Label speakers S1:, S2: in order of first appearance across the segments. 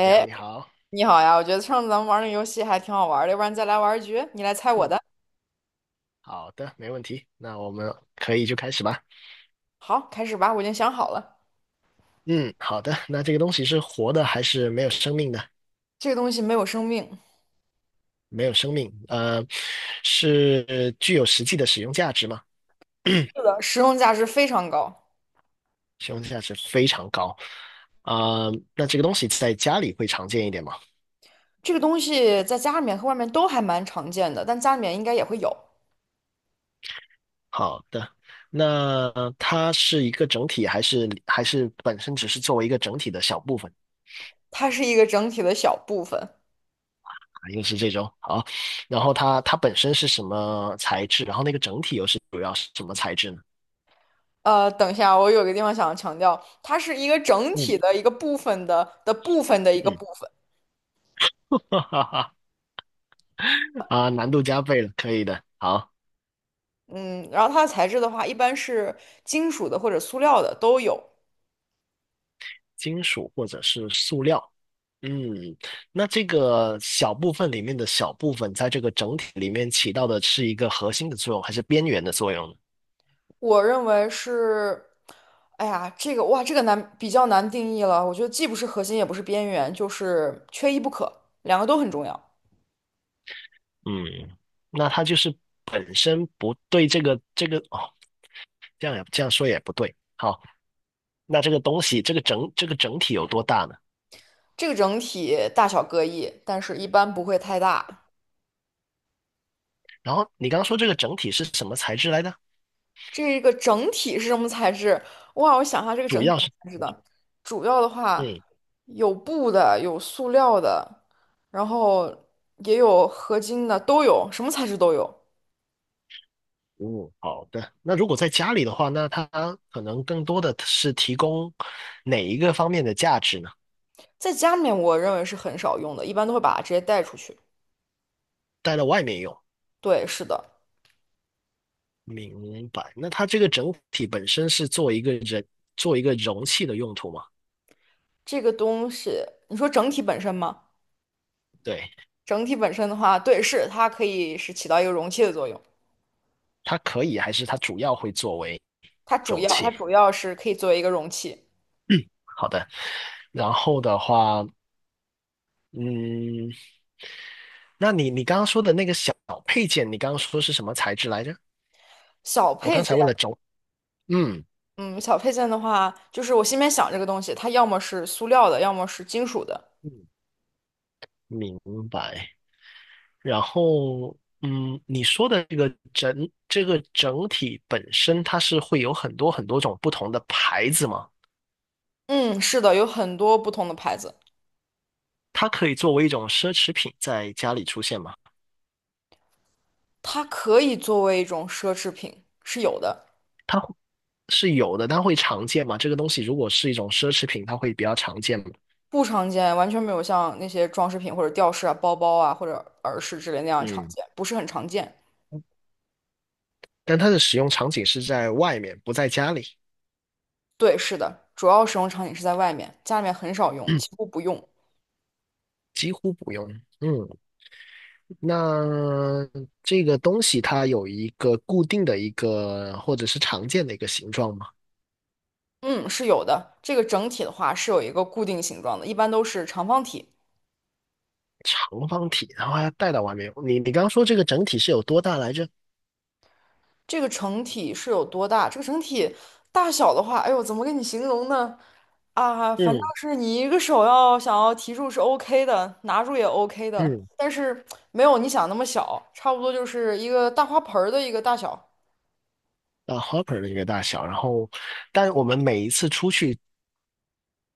S1: 你好，你好，
S2: 你好呀！我觉得上次咱们玩那个游戏还挺好玩的，要不然再来玩一局，你来猜我
S1: 嗯，
S2: 的。
S1: 好的，没问题。那我们可以就开始吧。
S2: 好，开始吧，我已经想好了，
S1: 嗯，好的。那这个东西是活的还是没有生命的？
S2: 这个东西没有生命，
S1: 没有生命，是具有实际的使用价值吗？
S2: 是 的，实用价值非常高。
S1: 使用价值非常高。啊、那这个东西在家里会常见一点吗？
S2: 这个东西在家里面和外面都还蛮常见的，但家里面应该也会有。
S1: 好的。那它是一个整体，还是本身只是作为一个整体的小部分？
S2: 它是一个整体的小部分。
S1: 又是这种好，然后它本身是什么材质？然后那个整体又是主要是什么材质呢？
S2: 等一下，我有个地方想要强调，它是一个整
S1: 嗯
S2: 体的一个部分的部分的一个
S1: 嗯，
S2: 部分。
S1: 哈哈哈啊，难度加倍了，可以的。好，
S2: 嗯，然后它的材质的话，一般是金属的或者塑料的都有。
S1: 金属或者是塑料。嗯，那这个小部分里面的小部分，在这个整体里面起到的是一个核心的作用，还是边缘的作用呢？
S2: 我认为是，哎呀，这个哇，这个难，比较难定义了。我觉得既不是核心，也不是边缘，就是缺一不可，两个都很重要。
S1: 嗯，那它就是本身不对这个哦，这样也这样说也不对。好，那这个东西，这个整这个整体有多大呢？
S2: 这个整体大小各异，但是一般不会太大。
S1: 然后你刚刚说这个整体是什么材质来的？
S2: 这个整体是什么材质？哇，我想一下，这个整
S1: 主
S2: 体
S1: 要
S2: 什么
S1: 是，
S2: 材质的，主要的话
S1: 嗯
S2: 有布的，有塑料的，然后也有合金的，都有，什么材质都有。
S1: 嗯，好的。那如果在家里的话，那它可能更多的是提供哪一个方面的价值呢？
S2: 在家里面，我认为是很少用的，一般都会把它直接带出去。
S1: 带到外面用，
S2: 对，是的。
S1: 明白。那它这个整体本身是做一个人，做一个容器的用途吗？
S2: 这个东西，你说整体本身吗？
S1: 对，
S2: 整体本身的话，对，是它可以是起到一个容器的作用。
S1: 它可以，还是它主要会作为
S2: 它主
S1: 容
S2: 要它
S1: 器？
S2: 主要是可以作为一个容器。
S1: 好的。然后的话，嗯，那你刚刚说的那个小配件，你刚刚说是什么材质来着？
S2: 小
S1: 我
S2: 配
S1: 刚才
S2: 件，
S1: 问了轴嗯
S2: 嗯，小配件的话，就是我心里面想这个东西，它要么是塑料的，要么是金属的。
S1: 嗯，明白。然后，嗯，你说的这个整这个整体本身，它是会有很多种不同的牌子吗？
S2: 嗯，是的，有很多不同的牌子，
S1: 它可以作为一种奢侈品在家里出现吗？
S2: 它可以作为一种奢侈品，是有的，
S1: 它会是有的，它会常见吗？这个东西如果是一种奢侈品，它会比较常见吗？
S2: 不常见，完全没有像那些装饰品或者吊饰啊、包包啊或者耳饰之类那样常
S1: 嗯，
S2: 见，不是很常见。
S1: 但它的使用场景是在外面，不在家里，
S2: 对，是的，主要使用场景是在外面，家里面很少用，几乎 不用。
S1: 几乎不用。嗯那这个东西它有一个固定的一个或者是常见的一个形状吗？
S2: 嗯，是有的。这个整体的话是有一个固定形状的，一般都是长方体。
S1: 长方体，然后要带到外面。你刚刚说这个整体是有多大来着？
S2: 这个整体是有多大？这个整体大小的话，哎呦，怎么跟你形容呢？啊，反正
S1: 嗯
S2: 是你一个手要想要提住是 OK 的，拿住也 OK 的，
S1: 嗯，
S2: 但是没有你想那么小，差不多就是一个大花盆儿的一个大小。
S1: 啊，hopper 的一个大小。然后，但我们每一次出去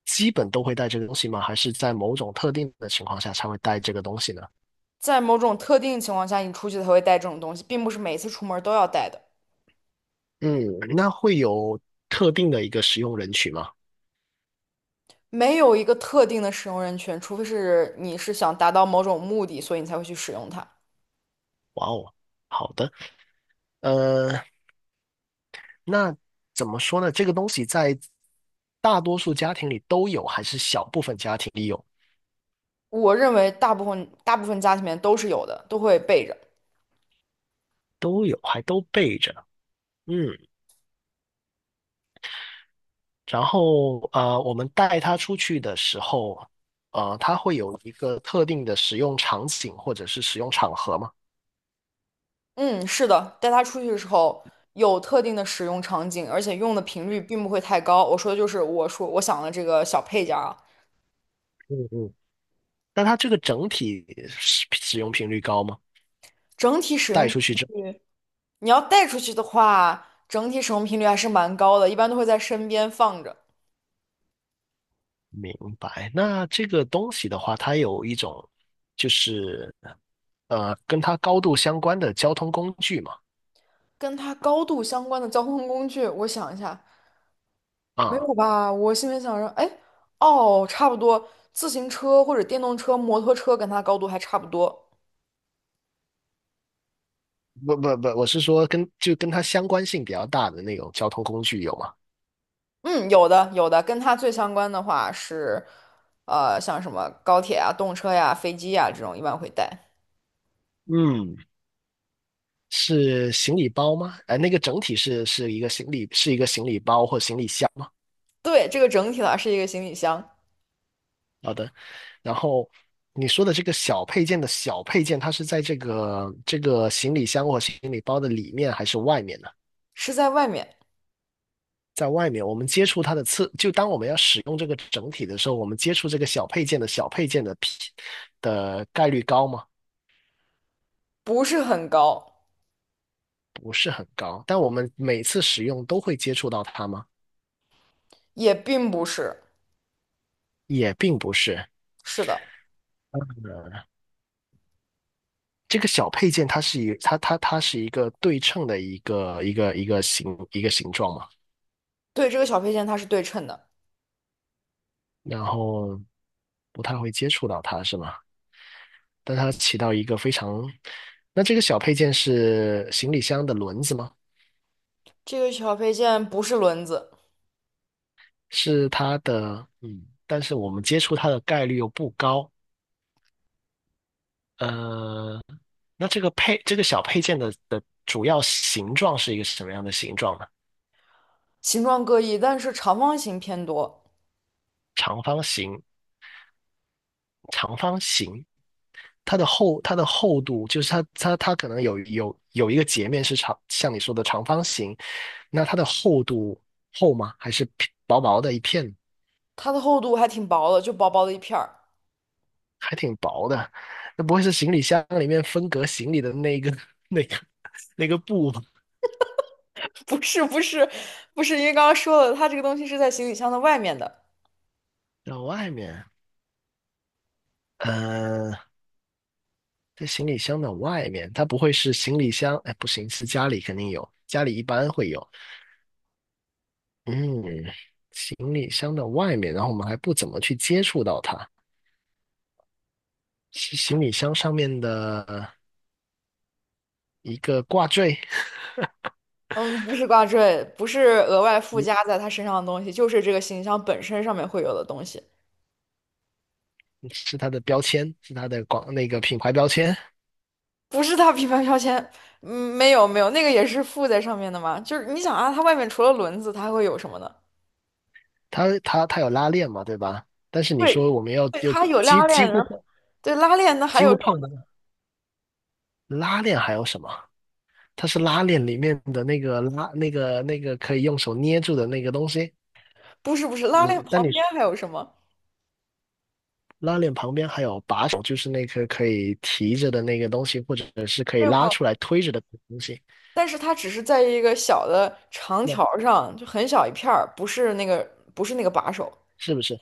S1: 基本都会带这个东西吗？还是在某种特定的情况下才会带这个东西呢？
S2: 在某种特定情况下，你出去才会带这种东西，并不是每次出门都要带的。
S1: 嗯，那会有特定的一个使用人群吗？
S2: 没有一个特定的使用人群，除非是你是想达到某种目的，所以你才会去使用它。
S1: 哇哦，好的。呃。那怎么说呢？这个东西在大多数家庭里都有，还是小部分家庭里有，
S2: 我认为大部分家庭里面都是有的，都会备着。
S1: 都有，还都备着。嗯，然后我们带它出去的时候，它会有一个特定的使用场景或者是使用场合嘛。
S2: 嗯，是的，带它出去的时候有特定的使用场景，而且用的频率并不会太高。我说的就是我说我想的这个小配件儿啊，
S1: 嗯嗯。那它这个整体使使用频率高吗？
S2: 整体使
S1: 带
S2: 用频
S1: 出去之后，
S2: 率，你要带出去的话，整体使用频率还是蛮高的，一般都会在身边放着。
S1: 明白。那这个东西的话，它有一种就是跟它高度相关的交通工具嘛。
S2: 跟它高度相关的交通工具，我想一下。没
S1: 啊，
S2: 有吧？我心里想着，哎，哦，差不多，自行车或者电动车、摩托车跟它高度还差不多。
S1: 不不不，我是说跟就跟它相关性比较大的那种交通工具有吗？
S2: 嗯，有的，有的，跟它最相关的话是，像什么高铁啊、动车呀、飞机呀这种，一般会带。
S1: 嗯，是行李包吗？哎，那个整体是是一个行李是一个行李包或行李箱吗？
S2: 对，这个整体呢是一个行李箱，
S1: 好的。然后你说的这个小配件的小配件，它是在这个行李箱或行李包的里面还是外面呢？
S2: 是在外面，
S1: 在外面，我们接触它的次，就当我们要使用这个整体的时候，我们接触这个小配件的小配件的皮的概率高吗？
S2: 不是很高，
S1: 不是很高，但我们每次使用都会接触到它吗？
S2: 也并不是。
S1: 也并不是。
S2: 是的，
S1: 呃，这个小配件它是一它是一个对称的一个一个形一个形状嘛，
S2: 对，这个小配件它是对称的，
S1: 然后不太会接触到它是吗？但它起到一个非常，那这个小配件是行李箱的轮子吗？
S2: 这个小配件不是轮子，
S1: 是它的，嗯，但是我们接触它的概率又不高。呃，那这个配这个小配件的的主要形状是一个什么样的形状呢？
S2: 形状各异，但是长方形偏多，
S1: 长方形，长方形它的厚它的厚度就是它可能有有一个截面是长，像你说的长方形，那它的厚度厚吗？还是薄薄的一片，
S2: 它的厚度还挺薄的，就薄薄的一片儿。
S1: 还挺薄的？那不会是行李箱里面分隔行李的那个那个那个布吧？
S2: 不是不是不是，因为刚刚说了，它这个东西是在行李箱的外面的。
S1: 然外面，呃，在行李箱的外面，它不会是行李箱？哎，不行，是家里肯定有，家里一般会有。嗯，行李箱的外面，然后我们还不怎么去接触到它，是行李箱上面的一个挂坠，
S2: 嗯，不是挂坠，不是额外附加
S1: 一
S2: 在它身上的东西，就是这个行李箱本身上面会有的东西，
S1: 是它的标签，是它的广那个品牌标签，
S2: 不是它品牌标签。嗯，没有没有，那个也是附在上面的嘛。就是你想啊，它外面除了轮子，它还会有什么呢？
S1: 它有拉链嘛，对吧？但是你说
S2: 对，
S1: 我们要
S2: 对，
S1: 就
S2: 它有
S1: 几
S2: 拉
S1: 几
S2: 链，
S1: 乎
S2: 然后对拉链，那还
S1: 几
S2: 有
S1: 乎
S2: 什么？
S1: 碰不到拉链，还有什么？它是拉链里面的那个拉那个那个可以用手捏住的那个东西，
S2: 不是不是，拉
S1: 你
S2: 链
S1: 但
S2: 旁
S1: 你
S2: 边还有什么？
S1: 拉链旁边还有把手，就是那颗可以提着的那个东西，或者是可以
S2: 没有没
S1: 拉
S2: 有，
S1: 出来推着的东西。
S2: 但是它只是在一个小的长
S1: 那
S2: 条儿上，就很小一片儿，不是那个把手。
S1: 是不是？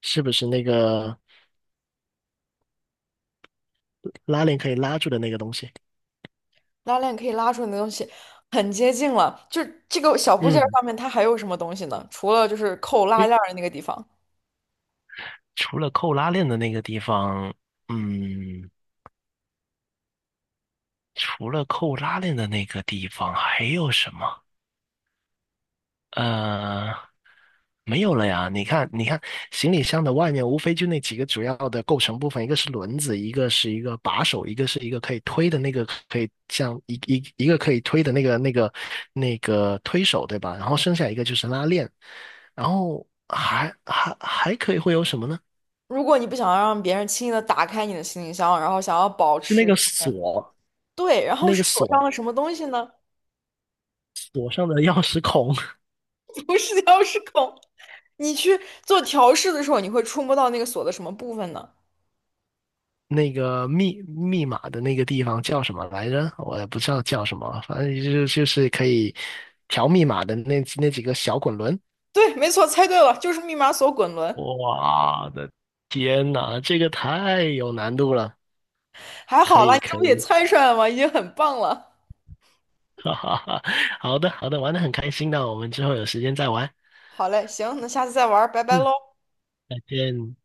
S1: 是不是那个拉链可以拉住的那个东西？
S2: 拉链可以拉出来的东西很接近了。就这个小部件儿
S1: 嗯，
S2: 上面，它还有什么东西呢？除了就是扣拉
S1: 诶
S2: 链儿的那个地方。
S1: 除了扣拉链的那个地方，嗯，除了扣拉链的那个地方，还有什么？呃，没有了呀。你看，你看，行李箱的外面无非就那几个主要的构成部分，一个是轮子，一个是一个把手，一个是一个可以推的那个，可以像一个可以推的那个那个那个推手，对吧？然后剩下一个就是拉链，然后还可以会有什么呢？
S2: 如果你不想让别人轻易的打开你的行李箱，然后想要保
S1: 是那
S2: 持
S1: 个锁，
S2: 对，然后
S1: 那
S2: 是
S1: 个
S2: 锁上
S1: 锁
S2: 了什么东西呢？
S1: 锁上的钥匙孔。
S2: 不是钥匙孔。你去做调试的时候，你会触摸到那个锁的什么部分呢？
S1: 那个密密码的那个地方叫什么来着？我也不知道叫什么，反正就就是可以调密码的那那几个小滚轮。
S2: 对，没错，猜对了，就是密码锁滚轮。
S1: 哇的天呐，这个太有难度了！
S2: 还
S1: 可
S2: 好啦，
S1: 以
S2: 你这
S1: 可
S2: 不也
S1: 以，
S2: 猜出来了吗？已经很棒了。
S1: 哈哈哈，好的好的，玩的很开心的，我们之后有时间再玩。
S2: 好嘞，行，那下次再玩儿，拜拜
S1: 嗯，
S2: 喽。
S1: 再见。